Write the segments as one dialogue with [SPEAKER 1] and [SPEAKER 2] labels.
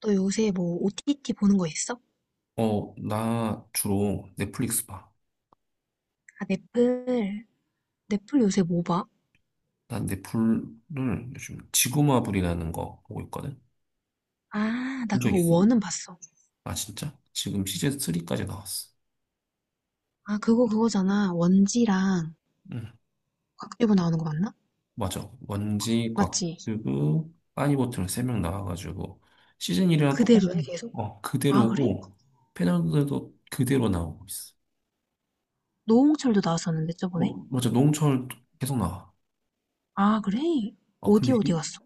[SPEAKER 1] 너 요새 뭐 OTT 보는 거 있어?
[SPEAKER 2] 어, 나 주로 넷플릭스 봐.
[SPEAKER 1] 아, 넷플. 넷플 요새 뭐 봐?
[SPEAKER 2] 난 넷플을 요즘 지구마블이라는 거 보고 있거든?
[SPEAKER 1] 아,
[SPEAKER 2] 본
[SPEAKER 1] 나
[SPEAKER 2] 적
[SPEAKER 1] 그거
[SPEAKER 2] 있어?
[SPEAKER 1] 원은 봤어.
[SPEAKER 2] 아, 진짜? 지금 시즌 3까지 나왔어.
[SPEAKER 1] 아, 그거 그거잖아. 원지랑
[SPEAKER 2] 응,
[SPEAKER 1] 곽튜브 나오는 거 맞나?
[SPEAKER 2] 맞아. 원지,
[SPEAKER 1] 맞지?
[SPEAKER 2] 곽튜브, 빠니보틀 세 명 나와가지고 시즌 1이랑
[SPEAKER 1] 그대로야,
[SPEAKER 2] 똑같은,
[SPEAKER 1] 계속?
[SPEAKER 2] 어,
[SPEAKER 1] 아, 그래?
[SPEAKER 2] 그대로고 패널들도 그대로 나오고 있어.
[SPEAKER 1] 노홍철도 나왔었는데,
[SPEAKER 2] 어,
[SPEAKER 1] 저번에?
[SPEAKER 2] 맞아. 농철 계속 나와.
[SPEAKER 1] 아, 그래?
[SPEAKER 2] 어,
[SPEAKER 1] 어디
[SPEAKER 2] 근데
[SPEAKER 1] 어디 갔어?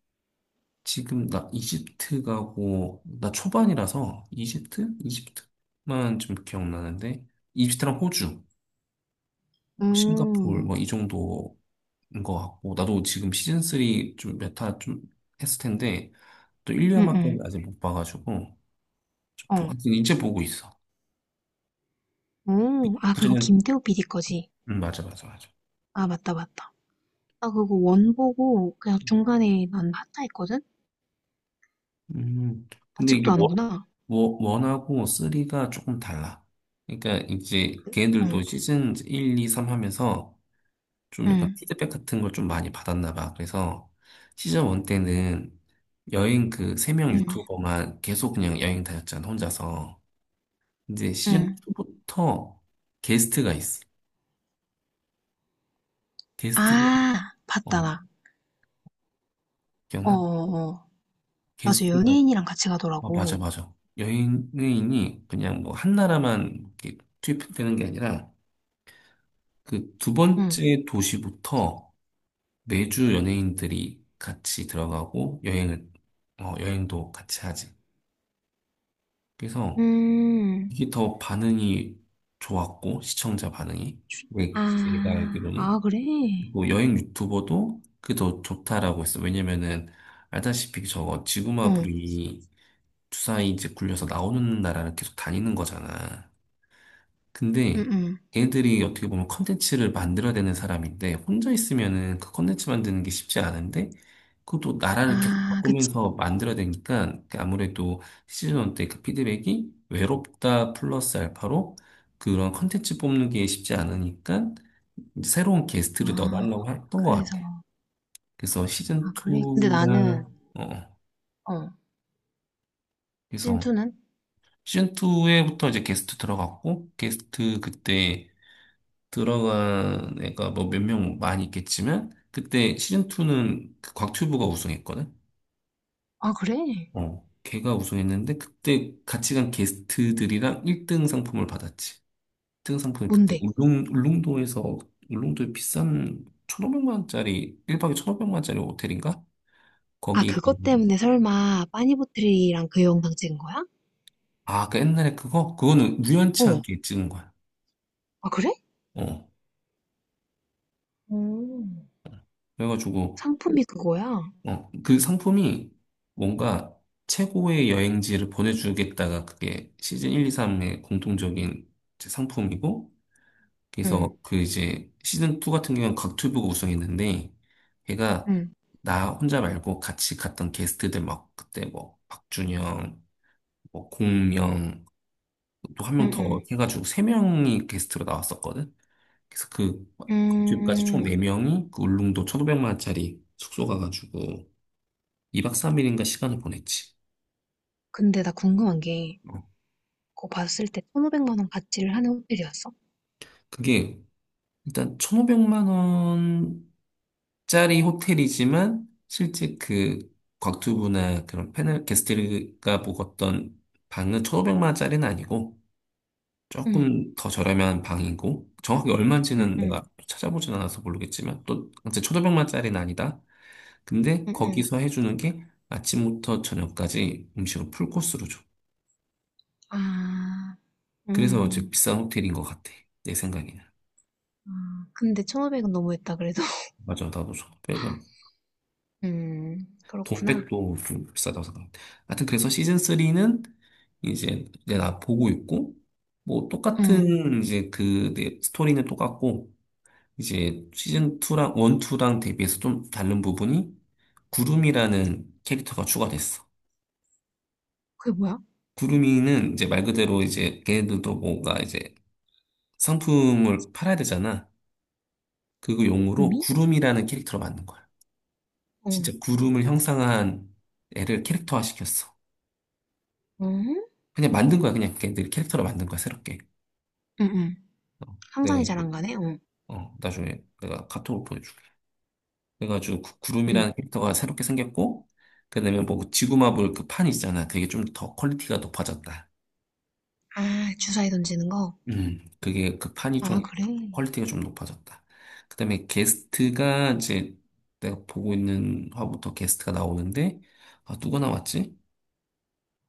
[SPEAKER 2] 지금 나 이집트 가고 나 초반이라서 이집트? 이집트만 좀 기억나는데 이집트랑 호주, 싱가포르
[SPEAKER 1] 음,
[SPEAKER 2] 뭐 이 정도인 것 같고 나도 지금 시즌 3 좀 메타 좀 했을 텐데 또 1류
[SPEAKER 1] 응,
[SPEAKER 2] 아밖에
[SPEAKER 1] 응,
[SPEAKER 2] 아직 못 봐가지고
[SPEAKER 1] 어.
[SPEAKER 2] 하여튼 이제 보고 있어.
[SPEAKER 1] 오, 아, 그거
[SPEAKER 2] 그전엔
[SPEAKER 1] 김태호 PD 거지?
[SPEAKER 2] 맞아 맞아 맞아.
[SPEAKER 1] 아, 맞다, 맞다. 나 그거 원 보고 그냥 중간에 난 하차 했거든?
[SPEAKER 2] 근데 이게
[SPEAKER 1] 아직도 하는구나.
[SPEAKER 2] 원- 원하고 3가 조금 달라. 그러니까 이제
[SPEAKER 1] 응,
[SPEAKER 2] 걔네들도 시즌 1, 2, 3 하면서 좀 약간
[SPEAKER 1] 응,
[SPEAKER 2] 피드백 같은 걸 좀 많이 받았나 봐. 그래서 시즌 1 때는 여행 그 세 명
[SPEAKER 1] 응,
[SPEAKER 2] 유튜버만 계속 그냥 여행 다녔잖아, 혼자서. 이제 시즌
[SPEAKER 1] 응.
[SPEAKER 2] 2부터 게스트가 있어. 게스트가,
[SPEAKER 1] 아. 봤다,
[SPEAKER 2] 어,
[SPEAKER 1] 나.
[SPEAKER 2] 기억나?
[SPEAKER 1] 어어어. 맞아,
[SPEAKER 2] 게스트가,
[SPEAKER 1] 연예인이랑 같이
[SPEAKER 2] 어, 맞아,
[SPEAKER 1] 가더라고.
[SPEAKER 2] 맞아. 여행인이 그냥 뭐 한 나라만 이렇게 투입되는 게 아니라 그 두
[SPEAKER 1] 응.
[SPEAKER 2] 번째 도시부터 매주 연예인들이 같이 들어가고 여행도 같이 하지. 그래서
[SPEAKER 1] 음,
[SPEAKER 2] 이게 더 반응이 좋았고, 시청자 반응이. 왜, 내가
[SPEAKER 1] 아,
[SPEAKER 2] 알기로는.
[SPEAKER 1] 아, 그래?
[SPEAKER 2] 그리고 여행 유튜버도 그게 더 좋다라고 했어. 왜냐면은, 알다시피 저거
[SPEAKER 1] 응.
[SPEAKER 2] 지구마블이 주사위 이제 굴려서 나오는 나라를 계속 다니는 거잖아. 근데
[SPEAKER 1] 응응.
[SPEAKER 2] 걔들이 어떻게 보면 컨텐츠를 만들어야 되는 사람인데 혼자 있으면은 그 컨텐츠 만드는 게 쉽지 않은데 그것도 나라를 계속
[SPEAKER 1] 아, 그치.
[SPEAKER 2] 바꾸면서 만들어야 되니까 아무래도 시즌 1 때 그 피드백이 외롭다 플러스 알파로 그런 컨텐츠 뽑는 게 쉽지 않으니까 이제 새로운 게스트를
[SPEAKER 1] 아,
[SPEAKER 2] 넣어달라고 했던 것
[SPEAKER 1] 그래서.
[SPEAKER 2] 같아. 그래서 시즌
[SPEAKER 1] 아, 그래? 근데 나는,
[SPEAKER 2] 2나 어
[SPEAKER 1] 어,
[SPEAKER 2] 그래서
[SPEAKER 1] 신2는?
[SPEAKER 2] 시즌 2에부터 이제 게스트 들어갔고 게스트 그때 들어간 애가 뭐 몇 명 많이 있겠지만 그때 시즌 2는 그 곽튜브가 우승했거든.
[SPEAKER 1] 아, 그래?
[SPEAKER 2] 어. 걔가 우승했는데 그때 같이 간 게스트들이랑 1등 상품을 받았지. 1등 상품이 그때
[SPEAKER 1] 뭔데?
[SPEAKER 2] 울릉도에 비싼 1,500만 원짜리 일박에 1,500만 원짜리 호텔인가?
[SPEAKER 1] 아,
[SPEAKER 2] 거기 간-
[SPEAKER 1] 그것 때문에 설마 빠니보틀이랑 그 영상 찍은 거야?
[SPEAKER 2] 아, 그 옛날에 그거는 우연치
[SPEAKER 1] 어,
[SPEAKER 2] 않게 찍은 거야.
[SPEAKER 1] 아, 그래?
[SPEAKER 2] 어.
[SPEAKER 1] 오,
[SPEAKER 2] 그래가지고
[SPEAKER 1] 상품이 그거야?
[SPEAKER 2] 그 상품이 뭔가 최고의 여행지를 보내주겠다가 그게 시즌 1, 2, 3의 공통적인 이제 상품이고,
[SPEAKER 1] 응,
[SPEAKER 2] 그래서 그 이제 시즌 2 같은 경우는 곽튜브가 우승했는데, 걔가
[SPEAKER 1] 응,
[SPEAKER 2] 나 혼자 말고 같이 갔던 게스트들 막 그때 뭐 박준영, 뭐 공명, 또 한 명
[SPEAKER 1] 응,
[SPEAKER 2] 더
[SPEAKER 1] 응.
[SPEAKER 2] 해가지고 세명이 게스트로 나왔었거든. 그래서 그 곽튜브까지 총
[SPEAKER 1] 음,
[SPEAKER 2] 네명이그 울릉도 1,500만 원짜리 숙소 가가지고 2박 3일인가 시간을 보냈지.
[SPEAKER 1] 근데 나 궁금한 게,
[SPEAKER 2] 어,
[SPEAKER 1] 그거 봤을 때 1,500만 원 가치를 하는 호텔이었어.
[SPEAKER 2] 그게 일단 1,500만 원짜리 호텔이지만 실제 그 곽튜브나 그런 패널 게스트가 묵었던 방은 1,500만 원짜리는 아니고
[SPEAKER 1] 응,
[SPEAKER 2] 조금 더 저렴한 방이고 정확히
[SPEAKER 1] 응,
[SPEAKER 2] 얼마인지는
[SPEAKER 1] 응,
[SPEAKER 2] 내가 찾아보진 않아서 모르겠지만 또 이제 1,500만 원짜리는 아니다. 근데
[SPEAKER 1] 응, 응.
[SPEAKER 2] 거기서 해주는 게 아침부터 저녁까지 음식을 풀코스로 줘.
[SPEAKER 1] 아,
[SPEAKER 2] 그래서 이제
[SPEAKER 1] 음,
[SPEAKER 2] 비싼 호텔인 것 같아. 내 생각에는.
[SPEAKER 1] 아, 근데 1,500은 너무했다, 그래도.
[SPEAKER 2] 맞아, 나도 1,500은
[SPEAKER 1] 그렇구나.
[SPEAKER 2] 돈백도 좀 비싸다고 생각합니다. 하여튼 그래서 시즌 3는 이제 내가 보고 있고 뭐
[SPEAKER 1] 응.
[SPEAKER 2] 똑같은 이제 그 스토리는 똑같고 이제 시즌 2랑 1, 2랑 대비해서 좀 다른 부분이 구름이라는 캐릭터가 추가됐어.
[SPEAKER 1] 그게 뭐야?
[SPEAKER 2] 구름이는 이제 말 그대로 이제 걔네들도 뭔가 이제 상품을 팔아야 되잖아. 그거 용으로
[SPEAKER 1] 의미?
[SPEAKER 2] 구름이라는 캐릭터로 만든 거야.
[SPEAKER 1] 응,
[SPEAKER 2] 진짜 구름을 형상한 애를 캐릭터화 시켰어.
[SPEAKER 1] 응?
[SPEAKER 2] 그냥 만든 거야. 그냥 걔들 캐릭터를 만든 거야, 새롭게.
[SPEAKER 1] 응, 응.
[SPEAKER 2] 어,
[SPEAKER 1] 상상이 잘
[SPEAKER 2] 그래가지고,
[SPEAKER 1] 안 가네. 응.
[SPEAKER 2] 나중에 내가 카톡으로 보내줄게. 그래가지고
[SPEAKER 1] 응.
[SPEAKER 2] 구름이라는 캐릭터가 새롭게 생겼고, 그다음에 뭐 그 지구마블 그 판 있잖아. 그게 좀 더 퀄리티가 높아졌다.
[SPEAKER 1] 아, 주사위 던지는 거.
[SPEAKER 2] 그게 그 판이
[SPEAKER 1] 아,
[SPEAKER 2] 좀
[SPEAKER 1] 그래.
[SPEAKER 2] 퀄리티가 좀 높아졌다. 그다음에 게스트가 이제 내가 보고 있는 화부터 게스트가 나오는데, 아, 누가 나왔지?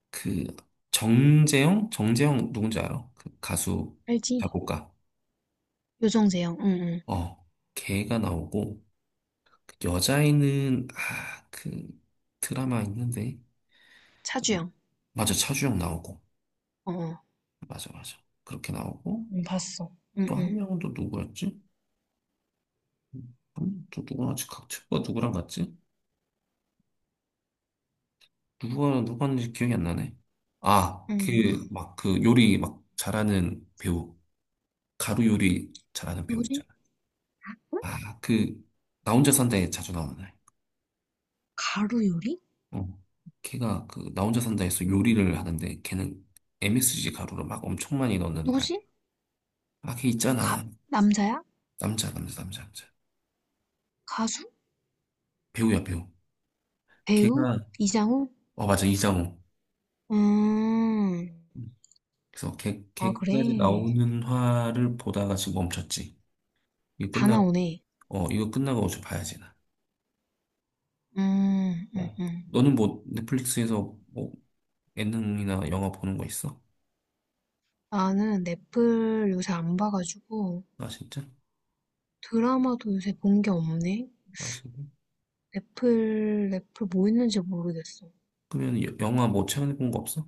[SPEAKER 2] 그 정재영? 정재영 누군지 알아? 그 가수
[SPEAKER 1] 알지?
[SPEAKER 2] 작곡가.
[SPEAKER 1] 요정재영, 응, 응.
[SPEAKER 2] 어, 걔가 나오고. 여자애는 아, 그 드라마 있는데
[SPEAKER 1] 차주영,
[SPEAKER 2] 맞아 차주영 나오고
[SPEAKER 1] 어, 어.
[SPEAKER 2] 맞아 맞아 그렇게 나오고
[SPEAKER 1] 응, 봤어. 응,
[SPEAKER 2] 또 한
[SPEAKER 1] 응.
[SPEAKER 2] 명은 또 누구였지? 또 누구랑 같이 각 친구가 누구랑 같지? 누가 누구였는지 기억이 안 나네. 아 그
[SPEAKER 1] 응.
[SPEAKER 2] 막 그 요리 막 잘하는 배우 가루 요리 잘하는 배우
[SPEAKER 1] 누구지?
[SPEAKER 2] 있잖아.
[SPEAKER 1] 응?
[SPEAKER 2] 아 그 나 혼자 산다에 자주 나오는 애.
[SPEAKER 1] 가루 요리?
[SPEAKER 2] 어 걔가 그 나 혼자 산다에서 요리를 하는데 걔는 MSG 가루를 막 엄청 많이 넣는 아이.
[SPEAKER 1] 누구지?
[SPEAKER 2] 아, 걔
[SPEAKER 1] 가,
[SPEAKER 2] 있잖아.
[SPEAKER 1] 남자야?
[SPEAKER 2] 남자, 남자, 남자, 남자.
[SPEAKER 1] 가수?
[SPEAKER 2] 배우야, 배우.
[SPEAKER 1] 배우?
[SPEAKER 2] 걔가,
[SPEAKER 1] 이장우?
[SPEAKER 2] 어, 맞아, 이장우.
[SPEAKER 1] 음,
[SPEAKER 2] 그래서
[SPEAKER 1] 아,
[SPEAKER 2] 걔까지
[SPEAKER 1] 그래.
[SPEAKER 2] 나오는 화를 보다가 지금 멈췄지. 이거
[SPEAKER 1] 다
[SPEAKER 2] 끝나,
[SPEAKER 1] 나오네.
[SPEAKER 2] 이거 끝나고 어제 봐야지, 나.
[SPEAKER 1] 음, 음,
[SPEAKER 2] 어.
[SPEAKER 1] 음.
[SPEAKER 2] 너는 뭐, 넷플릭스에서 뭐, 예능이나 영화 보는 거 있어?
[SPEAKER 1] 나는 넷플 요새 안 봐가지고
[SPEAKER 2] 아, 진짜?
[SPEAKER 1] 드라마도 요새 본 게 없네.
[SPEAKER 2] 아, 진짜?
[SPEAKER 1] 넷플, 넷플 뭐 있는지 모르겠어.
[SPEAKER 2] 그러면 영화 뭐 최근에 본 거 없어?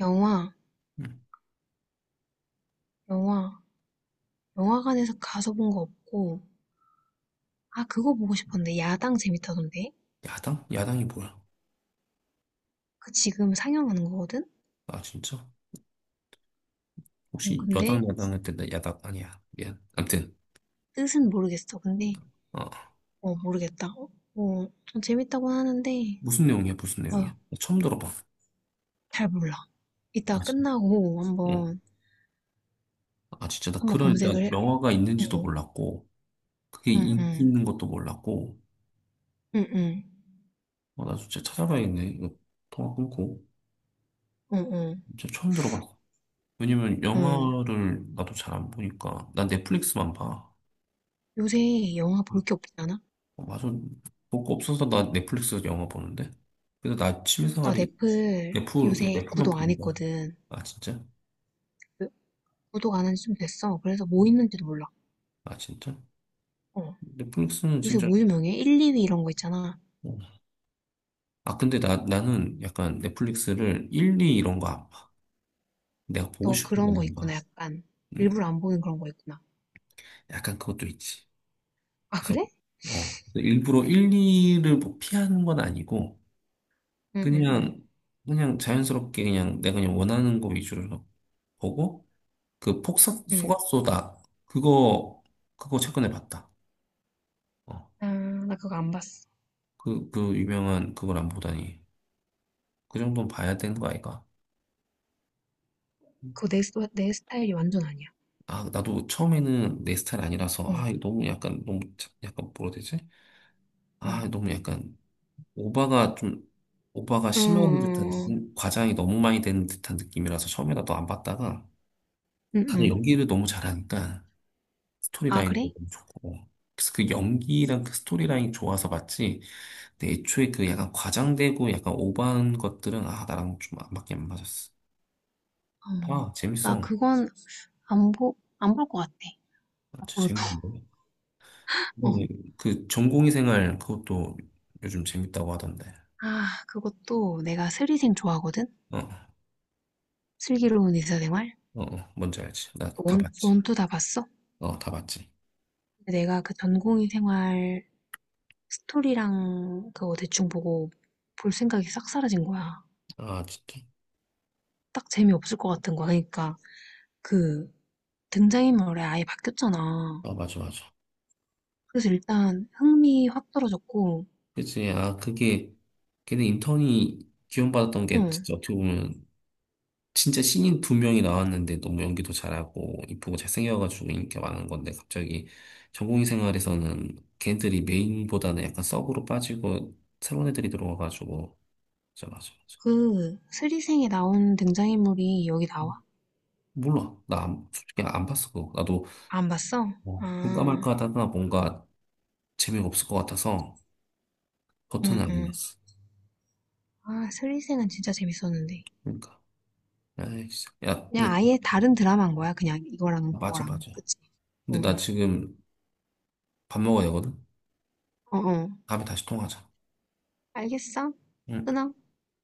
[SPEAKER 1] 영화,
[SPEAKER 2] 응.
[SPEAKER 1] 영화, 영화관에서 가서 본 거 없고. 아, 그거 보고 싶었는데. 야당 재밌다던데.
[SPEAKER 2] 야당? 야당이 뭐야?
[SPEAKER 1] 그 지금 상영하는 거거든?
[SPEAKER 2] 아, 진짜?
[SPEAKER 1] 어,
[SPEAKER 2] 혹시 여당,
[SPEAKER 1] 근데
[SPEAKER 2] 야당 할 때 나 야당 아니야. 미안. 아무튼,
[SPEAKER 1] 뜻은 모르겠어. 근데,
[SPEAKER 2] 어.
[SPEAKER 1] 어, 모르겠다. 어, 어, 좀 재밌다고 하는데,
[SPEAKER 2] 무슨 내용이야, 무슨 내용이야?
[SPEAKER 1] 아,
[SPEAKER 2] 나 처음 들어봐.
[SPEAKER 1] 잘 몰라.
[SPEAKER 2] 아,
[SPEAKER 1] 이따
[SPEAKER 2] 진짜?
[SPEAKER 1] 끝나고
[SPEAKER 2] 어.
[SPEAKER 1] 한번
[SPEAKER 2] 아, 진짜 나
[SPEAKER 1] 한번
[SPEAKER 2] 그런 일단
[SPEAKER 1] 검색을 해.
[SPEAKER 2] 영화가 있는지도
[SPEAKER 1] 어,
[SPEAKER 2] 몰랐고, 그게
[SPEAKER 1] 응,
[SPEAKER 2] 인기
[SPEAKER 1] 응,
[SPEAKER 2] 있는 것도 몰랐고,
[SPEAKER 1] 응, 응,
[SPEAKER 2] 어, 나 진짜 찾아봐야겠네. 이거 통화 끊고.
[SPEAKER 1] 응, 응,
[SPEAKER 2] 진짜 처음 들어봤어. 왜냐면
[SPEAKER 1] 응.
[SPEAKER 2] 영화를 나도 잘 안 보니까, 난 넷플릭스만 봐.
[SPEAKER 1] 요새 영화 볼 게 없지 않아?
[SPEAKER 2] 어, 맞아. 볼 거 없어서 나 넷플릭스 영화 보는데? 근데 나
[SPEAKER 1] 나
[SPEAKER 2] 취미생활이
[SPEAKER 1] 넷플
[SPEAKER 2] 그냥
[SPEAKER 1] 요새
[SPEAKER 2] 넷플만
[SPEAKER 1] 구독 안
[SPEAKER 2] 보는 거야.
[SPEAKER 1] 했거든.
[SPEAKER 2] 아, 진짜?
[SPEAKER 1] 그- 구독 안 한 지 좀 됐어. 그래서 뭐
[SPEAKER 2] 음.
[SPEAKER 1] 있는지도 몰라.
[SPEAKER 2] 아, 진짜?
[SPEAKER 1] 어,
[SPEAKER 2] 넷플릭스는
[SPEAKER 1] 요새
[SPEAKER 2] 진짜.
[SPEAKER 1] 뭐 유명해? 1, 2위 이런 거 있잖아.
[SPEAKER 2] 어. 아, 근데 나는 약간 넷플릭스를 1, 2 이런 거 안 봐. 내가 보고
[SPEAKER 1] 너
[SPEAKER 2] 싶은
[SPEAKER 1] 그런 거
[SPEAKER 2] 것만
[SPEAKER 1] 있구나,
[SPEAKER 2] 봐.
[SPEAKER 1] 약간.
[SPEAKER 2] 음,
[SPEAKER 1] 일부러 안 보는 그런 거 있구나.
[SPEAKER 2] 약간 그것도 있지.
[SPEAKER 1] 아,
[SPEAKER 2] 그래서,
[SPEAKER 1] 그래?
[SPEAKER 2] 일부러 1, 2를 뭐 피하는 건 아니고,
[SPEAKER 1] 응, 응, 응,
[SPEAKER 2] 그냥, 그냥 자연스럽게 그냥 내가 그냥 원하는 거 위주로 보고, 그 폭삭,
[SPEAKER 1] 응.
[SPEAKER 2] 소각소다. 그거, 그거 최근에 봤다. 어,
[SPEAKER 1] 아, 나 그거 안 봤어.
[SPEAKER 2] 그 유명한 그걸 안 보다니. 그 정도는 봐야 되는 거 아이가?
[SPEAKER 1] 그거 내, 내 스타일이 완전 아니야.
[SPEAKER 2] 아, 나도 처음에는 내 스타일 아니라서,
[SPEAKER 1] 응,
[SPEAKER 2] 아, 이거 너무 약간, 너무, 약간 뭐라 해야 되지?
[SPEAKER 1] 응,
[SPEAKER 2] 아, 너무 약간 오바가 좀 오바가 심한 듯한
[SPEAKER 1] 응, 응,
[SPEAKER 2] 느낌, 과장이 너무 많이 되는 듯한 느낌이라서 처음에 나도 안 봤다가
[SPEAKER 1] 응.
[SPEAKER 2] 다들
[SPEAKER 1] 응.
[SPEAKER 2] 연기를 너무 잘하니까
[SPEAKER 1] 아,
[SPEAKER 2] 스토리라인도
[SPEAKER 1] 그래?
[SPEAKER 2] 너무 좋고 그래서 그 연기랑 그 스토리라인이 좋아서 봤지 근데 애초에 그 약간 과장되고 약간 오버한 것들은 나랑 좀 안 맞았어 아
[SPEAKER 1] 음. 나
[SPEAKER 2] 재밌어
[SPEAKER 1] 그건 안 볼 것 같아.
[SPEAKER 2] 아, 진짜
[SPEAKER 1] 앞으로도.
[SPEAKER 2] 재밌는데
[SPEAKER 1] 어.
[SPEAKER 2] 그다음에 그 전공의 생활 그것도 요즘 재밌다고 하던데
[SPEAKER 1] 아, 그것도 내가 슬리생 좋아하거든?
[SPEAKER 2] 어어
[SPEAKER 1] 슬기로운 의사생활?
[SPEAKER 2] 어, 어, 뭔지 알지 나 다
[SPEAKER 1] 원,
[SPEAKER 2] 봤지
[SPEAKER 1] 원투 다 봤어?
[SPEAKER 2] 어 다 봤지
[SPEAKER 1] 근데 내가 그 전공의 생활 스토리랑 그거 대충 보고 볼 생각이 싹 사라진 거야.
[SPEAKER 2] 아 진짜
[SPEAKER 1] 딱 재미없을 것 같은 거야. 그러니까 그 등장인물이 아예 바뀌었잖아.
[SPEAKER 2] 아, 맞아, 맞아.
[SPEAKER 1] 그래서 일단 흥미 확 떨어졌고,
[SPEAKER 2] 그치. 아, 그게, 걔네 인턴이 기원받았던 게
[SPEAKER 1] 응.
[SPEAKER 2] 진짜 어떻게 보면, 진짜 신인 두 명이 나왔는데 너무 연기도 잘하고, 이쁘고 잘생겨가지고 인기가 많은 건데, 갑자기 전공의 생활에서는 걔네들이 메인보다는 약간 서브로 빠지고, 새로운 애들이 들어와가지고, 맞아, 맞아, 맞아.
[SPEAKER 1] 그 스리생에 나온 등장인물이 여기
[SPEAKER 2] 음,
[SPEAKER 1] 나와?
[SPEAKER 2] 몰라. 나 안- 솔직히 안 봤어, 그거. 나도
[SPEAKER 1] 안 봤어?
[SPEAKER 2] 뭐 볼까
[SPEAKER 1] 아,
[SPEAKER 2] 말까 하다가 뭔가 재미가 없을 것 같아서, 버튼을 안
[SPEAKER 1] 응응.
[SPEAKER 2] 눌렀어.
[SPEAKER 1] 아, 슬리생은 진짜 재밌었는데.
[SPEAKER 2] 그러니까. 아 진짜. 야,
[SPEAKER 1] 그냥
[SPEAKER 2] 근데,
[SPEAKER 1] 아예 다른 드라마인 거야. 그냥 이거랑
[SPEAKER 2] 맞아,
[SPEAKER 1] 그거랑.
[SPEAKER 2] 맞아.
[SPEAKER 1] 그치?
[SPEAKER 2] 근데 나
[SPEAKER 1] 응응.
[SPEAKER 2] 지금 밥 먹어야 되거든?
[SPEAKER 1] 어어.
[SPEAKER 2] 다음에 다시 통화하자.
[SPEAKER 1] 알겠어?
[SPEAKER 2] 응.
[SPEAKER 1] 끊어.